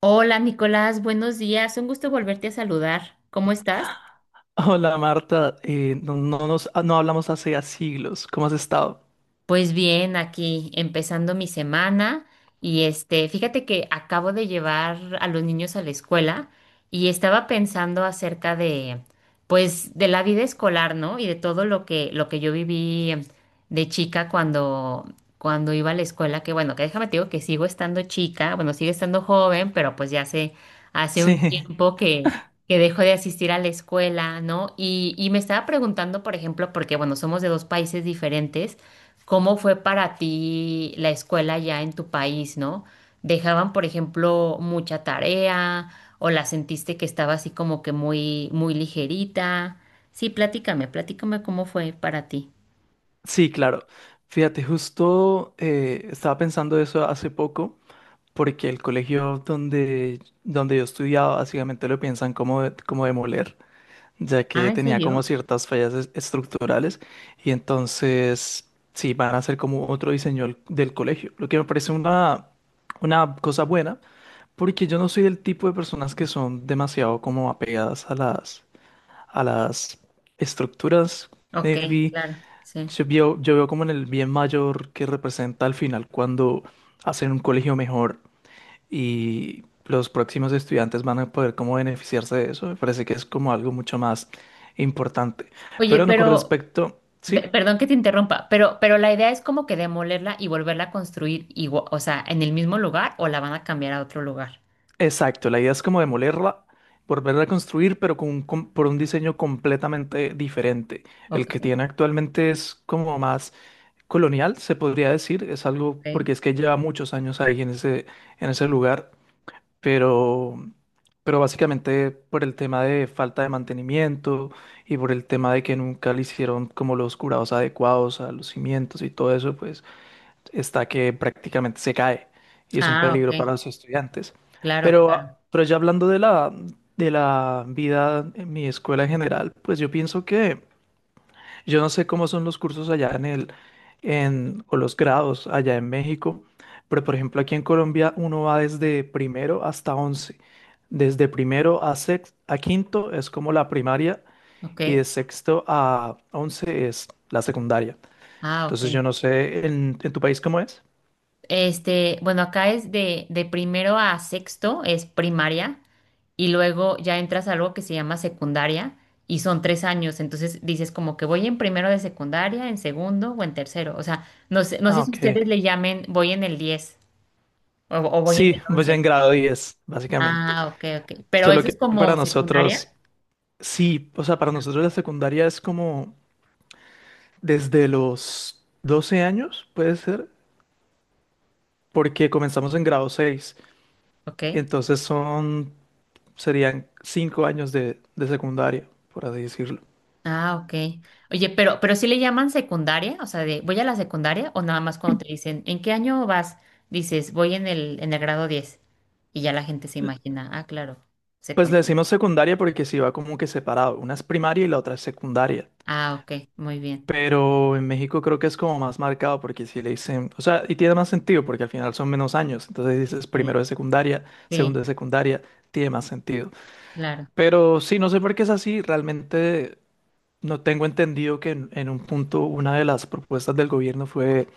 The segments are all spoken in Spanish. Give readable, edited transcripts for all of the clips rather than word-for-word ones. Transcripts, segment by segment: Hola Nicolás, buenos días. Un gusto volverte a saludar. ¿Cómo estás? Hola Marta. No hablamos hace ya siglos. ¿Cómo has estado? Pues bien, aquí empezando mi semana y fíjate que acabo de llevar a los niños a la escuela y estaba pensando acerca de, pues, de la vida escolar, ¿no? Y de todo lo que yo viví de chica cuando iba a la escuela, que bueno, que déjame te digo que sigo estando chica, bueno, sigo estando joven, pero pues ya hace Sí, un tiempo que dejo de asistir a la escuela, ¿no? Y me estaba preguntando, por ejemplo, porque bueno, somos de dos países diferentes. ¿Cómo fue para ti la escuela ya en tu país, no? ¿Dejaban, por ejemplo, mucha tarea o la sentiste que estaba así como que muy ligerita? Sí, platícame cómo fue para ti. sí, claro. Fíjate, justo estaba pensando eso hace poco, porque el colegio donde yo estudiaba básicamente lo piensan como demoler, ya Ah, que ¿en tenía como serio? ciertas fallas estructurales, y entonces sí, van a hacer como otro diseño del colegio, lo que me parece una cosa buena. Porque yo no soy del tipo de personas que son demasiado como apegadas a las estructuras. Ok, Maybe claro, sí. yo veo como en el bien mayor que representa al final cuando hacen un colegio mejor, y los próximos estudiantes van a poder como beneficiarse de eso. Me parece que es como algo mucho más importante. Oye, Pero no, con respecto, sí. perdón que te interrumpa, pero la idea es como que demolerla y volverla a construir o sea, ¿en el mismo lugar o la van a cambiar a otro lugar? Exacto, la idea es como demolerla, volverla a construir, pero por un diseño completamente diferente. El Ok, que tiene actualmente es como más colonial, se podría decir. Es algo ok. porque es que lleva muchos años ahí en ese lugar, pero, pero básicamente por el tema de falta de mantenimiento y por el tema de que nunca le hicieron como los curados adecuados a los cimientos y todo eso, pues está que prácticamente se cae y es un Ah, ok, peligro para los estudiantes. claro, Pero, claro, ah, pero ya hablando de la vida en mi escuela en general, pues yo pienso que yo no sé cómo son los cursos allá o los grados allá en México, pero por ejemplo aquí en Colombia uno va desde primero hasta 11. Desde primero a quinto es como la primaria, ok. y de sexto a 11 es la secundaria. Ah, ok. Entonces yo no sé, ¿en tu país cómo es? Bueno, acá es de primero a sexto, es primaria, y luego ya entras a algo que se llama secundaria, y son tres años, entonces dices como que voy en primero de secundaria, en segundo o en tercero, o sea, no sé, no sé Ah, si ok. ustedes le llamen voy en el 10 o voy en el Sí, voy 11. en grado 10, básicamente. Ah, ok, ok, pero Solo eso que es como para nosotros, secundaria, sí, o sea, para nosotros la secundaria es como desde los 12 años, puede ser, porque comenzamos en grado 6, ok. y entonces serían 5 años de secundaria, por así decirlo. Ah, ok. Oye, pero sí le llaman secundaria, o sea, de voy a la secundaria o nada más cuando te dicen, ¿en qué año vas? Dices, voy en en el grado diez. Y ya la gente se L- imagina, ah, claro, Pues le secundaria. decimos secundaria porque sí va como que separado, una es primaria y la otra es secundaria. Ah, ok, muy bien. Pero en México creo que es como más marcado porque si le dicen, o sea, y tiene más sentido porque al final son menos años, entonces dices Sí, primero de secundaria, segundo sí, de secundaria, tiene más sentido. claro. Pero sí, no sé por qué es así, realmente no tengo entendido que en un punto una de las propuestas del gobierno fue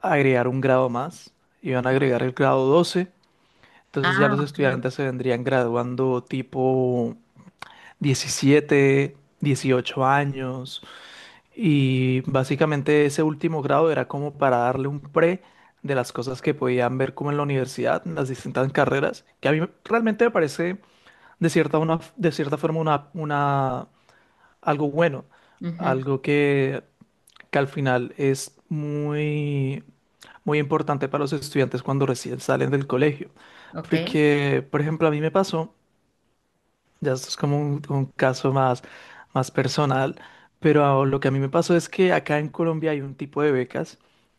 agregar un grado más, iban a agregar el grado 12, entonces ya Ah, los ok. estudiantes se vendrían graduando tipo 17, 18 años. Y básicamente ese último grado era como para darle un pre de las cosas que podían ver como en la universidad, en las distintas carreras, que a mí realmente me parece de cierta forma algo bueno, Ujú. algo que al final es muy, muy importante para los estudiantes cuando recién salen del colegio. Ok, Porque, por ejemplo, a mí me pasó, ya esto es como un caso más personal, pero lo que a mí me pasó es que acá en Colombia hay un tipo de becas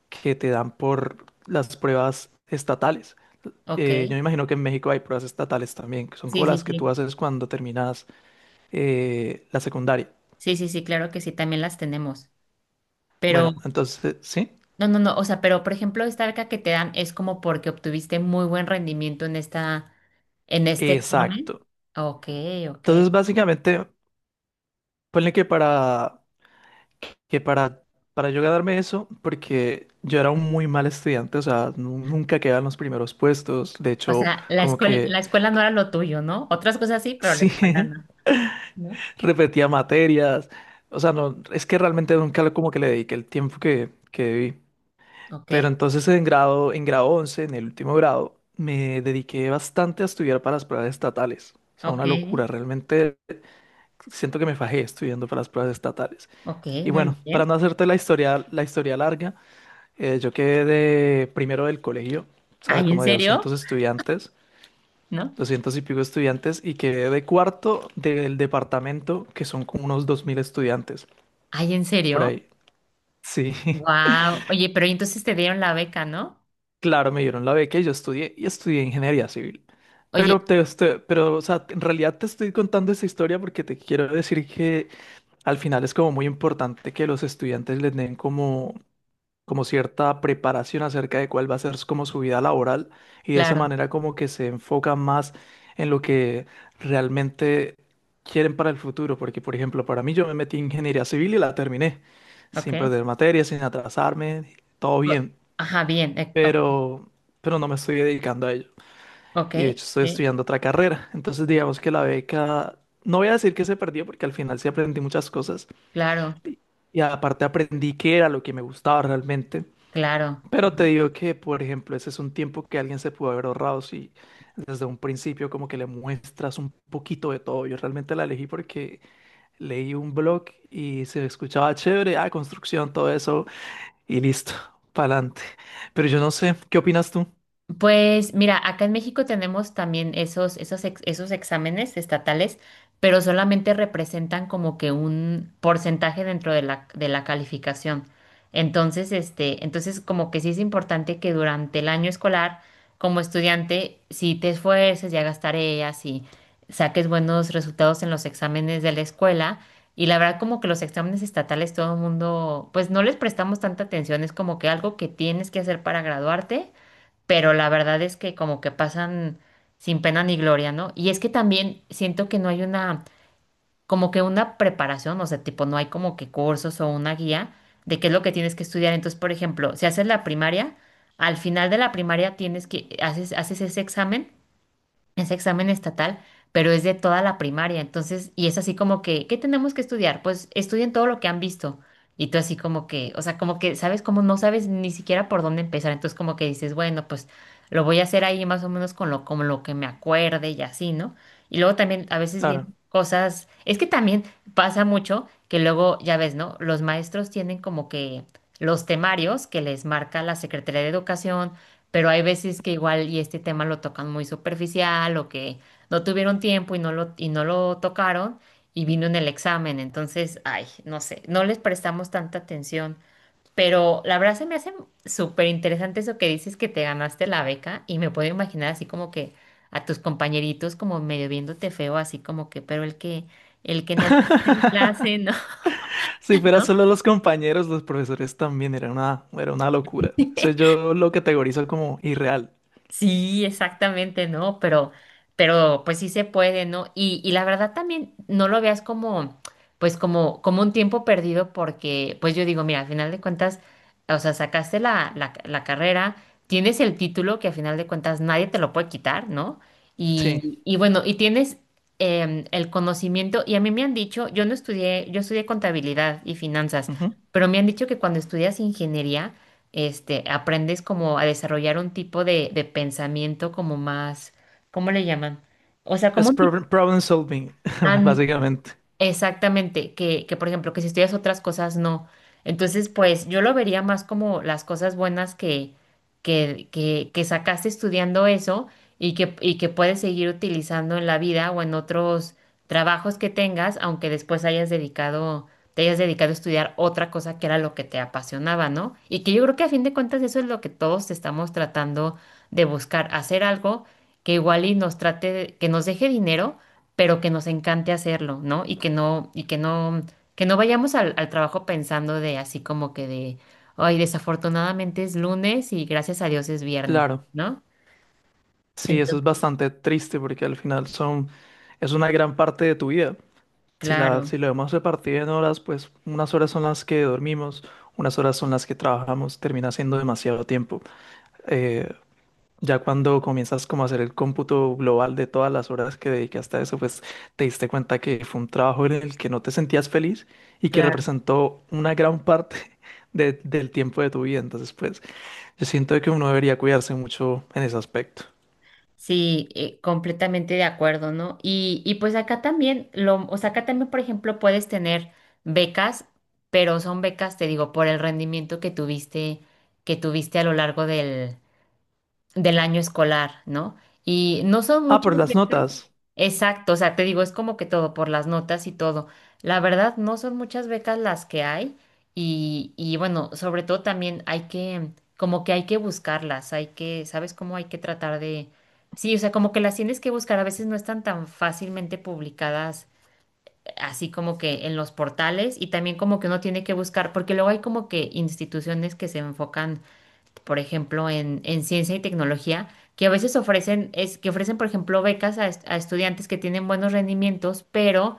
que te dan por las pruebas estatales. ok. Yo me imagino que en México hay pruebas estatales también, que son Sí, como sí, las que tú sí. haces cuando terminas la secundaria. Sí, sí, sí, claro que sí, también las tenemos. Pero. Bueno, entonces, ¿sí? No, no, no, o sea, pero por ejemplo, esta beca que te dan es como porque obtuviste muy buen rendimiento en en este examen. Exacto. Ok, ok. Entonces, básicamente, ponle que para, que para, yo ganarme eso, porque yo era un muy mal estudiante, o sea, nunca quedaba en los primeros puestos, de O hecho, sea, como que la escuela no era lo tuyo, ¿no? Otras cosas sí, pero la sí, escuela no, ¿no? repetía materias, o sea, no, es que realmente nunca como que le dediqué el tiempo que debí. Ok, Pero entonces en grado 11 en el último grado, me dediqué bastante a estudiar para las pruebas estatales. O sea, ok, una locura, realmente siento que me fajé estudiando para las pruebas estatales. ok, Y muy bueno, bien. para no hacerte la historia larga, yo quedé primero del colegio, ¿sabes? Ay, ¿en Como de 200 serio? estudiantes, ¿No? 200 y pico estudiantes, y quedé de cuarto del departamento, que son como unos 2.000 estudiantes, Ay, ¿en por serio? ahí. Sí, Wow. Oye, ¿pero y entonces te dieron la beca, ¿no? claro, me dieron la beca y yo estudié, y estudié ingeniería civil. Pero, Oye, te, estoy- pero, o sea, en realidad te estoy contando esta historia porque te quiero decir que al final es como muy importante que los estudiantes les den como cierta preparación acerca de cuál va a ser como su vida laboral, y de esa claro, manera como que se enfocan más en lo que realmente quieren para el futuro, porque por ejemplo, para mí yo me metí en ingeniería civil y la terminé sin ok. perder materia, sin atrasarme, todo O- bien, Ajá, bien, ok, pero pero no me estoy dedicando a ello, ok, y de hecho estoy sí, estudiando otra carrera, entonces digamos que la beca, no voy a decir que se perdió porque al final sí aprendí muchas cosas claro, y aparte aprendí qué era lo que me gustaba realmente, claro. pero te digo que, por ejemplo, ese es un tiempo que alguien se pudo haber ahorrado si desde un principio como que le muestras un poquito de todo. Yo realmente la elegí porque leí un blog y se escuchaba chévere, ah, construcción, todo eso, y listo, pa'lante. Pero yo no sé, ¿qué opinas tú? Pues mira, acá en México tenemos también esos exámenes estatales, pero solamente representan como que un porcentaje dentro de de la calificación. Entonces como que sí es importante que durante el año escolar, como estudiante, si te esfuerces y hagas tareas y saques buenos resultados en los exámenes de la escuela, y la verdad como que los exámenes estatales todo el mundo, pues no les prestamos tanta atención, es como que algo que tienes que hacer para graduarte, pero la verdad es que como que pasan sin pena ni gloria, ¿no? Y es que también siento que no hay una, como que una preparación, o sea, tipo, no hay como que cursos o una guía de qué es lo que tienes que estudiar. Entonces, por ejemplo, si haces la primaria, al final de la primaria tienes haces ese examen estatal, pero es de toda la primaria. Entonces, y es así como que, ¿qué tenemos que estudiar? Pues estudien todo lo que han visto. Y tú así como que, o sea, como que, ¿sabes? Como no sabes ni siquiera por dónde empezar. Entonces como que dices, bueno, pues lo voy a hacer ahí más o menos con como lo que me acuerde y así, ¿no? Y luego también a veces Claro. vienen cosas, es que también pasa mucho que luego, ya ves, ¿no? Los maestros tienen como que los temarios que les marca la Secretaría de Educación, pero hay veces que igual y este tema lo tocan muy superficial o que no tuvieron tiempo y no lo tocaron y vino en el examen, entonces, ay, no sé, no les prestamos tanta atención, pero la verdad se me hace súper interesante eso que dices que te ganaste la beca y me puedo imaginar así como que a tus compañeritos como medio viéndote feo, así como que, pero el que no hace clase, ¿no? Si fuera solo los compañeros, los profesores también era una locura. ¿No? Eso yo lo categorizo como irreal. Sí, exactamente, ¿no? Pero pues sí se puede, ¿no? Y la verdad también no lo veas como, pues como, como un tiempo perdido porque, pues yo digo, mira, al final de cuentas, o sea, sacaste la carrera, tienes el título que al final de cuentas nadie te lo puede quitar, ¿no? Sí. Y bueno, y tienes em, el conocimiento, y a mí me han dicho, yo no estudié, yo estudié contabilidad y finanzas, Ujú. pero me han dicho que cuando estudias ingeniería, este, aprendes como a desarrollar un tipo de pensamiento como más, ¿cómo le llaman? O sea, como Es un tipo, problem solving, básicamente. exactamente, que por ejemplo, que si estudias otras cosas, no. Entonces, pues yo lo vería más como las cosas buenas que sacaste estudiando eso y que puedes seguir utilizando en la vida o en otros trabajos que tengas, aunque después hayas dedicado, te hayas dedicado a estudiar otra cosa que era lo que te apasionaba, ¿no? Y que yo creo que a fin de cuentas eso es lo que todos estamos tratando de buscar, hacer algo que igual y nos que nos deje dinero pero que nos encante hacerlo, ¿no? Que no, que no vayamos al trabajo pensando de así como que de, ay, desafortunadamente es lunes y gracias a Dios es viernes, Claro. ¿no? Sí, eso es Entonces, bastante triste porque al final es una gran parte de tu vida. Si la, claro, si lo hemos repartido en horas, pues unas horas son las que dormimos, unas horas son las que trabajamos, termina siendo demasiado tiempo. Eh, ya cuando comienzas como a hacer el cómputo global de todas las horas que dedicaste a eso, pues te diste cuenta que fue un trabajo en el que no te sentías feliz y que claro, representó una gran parte del tiempo de tu vida. Entonces, pues yo siento que uno debería cuidarse mucho en ese aspecto. sí, completamente de acuerdo, ¿no? Y pues acá también, lo, o sea, acá también, por ejemplo, puedes tener becas, pero son becas, te digo, por el rendimiento que tuviste a lo largo del año escolar, ¿no? Y no son Ah, muchas por las becas. notas. Exacto, o sea, te digo, es como que todo, por las notas y todo. La verdad, no son muchas becas las que hay y bueno, sobre todo también hay como que hay que buscarlas, hay que, ¿sabes cómo hay que tratar de... Sí, o sea, como que las tienes que buscar, a veces no están tan fácilmente publicadas, así como que en los portales y también como que uno tiene que buscar, porque luego hay como que instituciones que se enfocan por ejemplo, en ciencia y tecnología, que a veces que ofrecen, por ejemplo, becas a, a estudiantes que tienen buenos rendimientos, pero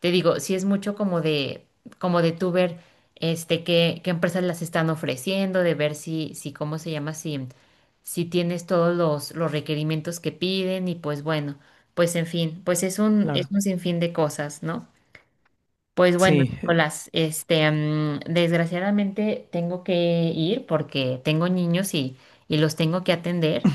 te digo, sí es mucho como como de tú ver este, qué empresas las están ofreciendo, de ver si, ¿cómo se llama? Si, si tienes todos los requerimientos que piden, y pues bueno, pues en fin, pues es Claro. un sinfín de cosas, ¿no? Pues bueno, Sí, Nicolás, desgraciadamente tengo que ir porque tengo niños y los tengo que atender,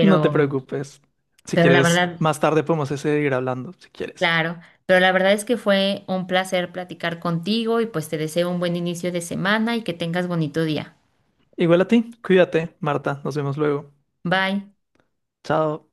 no te preocupes. Si pero la quieres, verdad, más tarde podemos seguir hablando, si quieres. claro, pero la verdad es que fue un placer platicar contigo y pues te deseo un buen inicio de semana y que tengas bonito día. Igual a ti, cuídate, Marta. Nos vemos luego. Bye. Chao.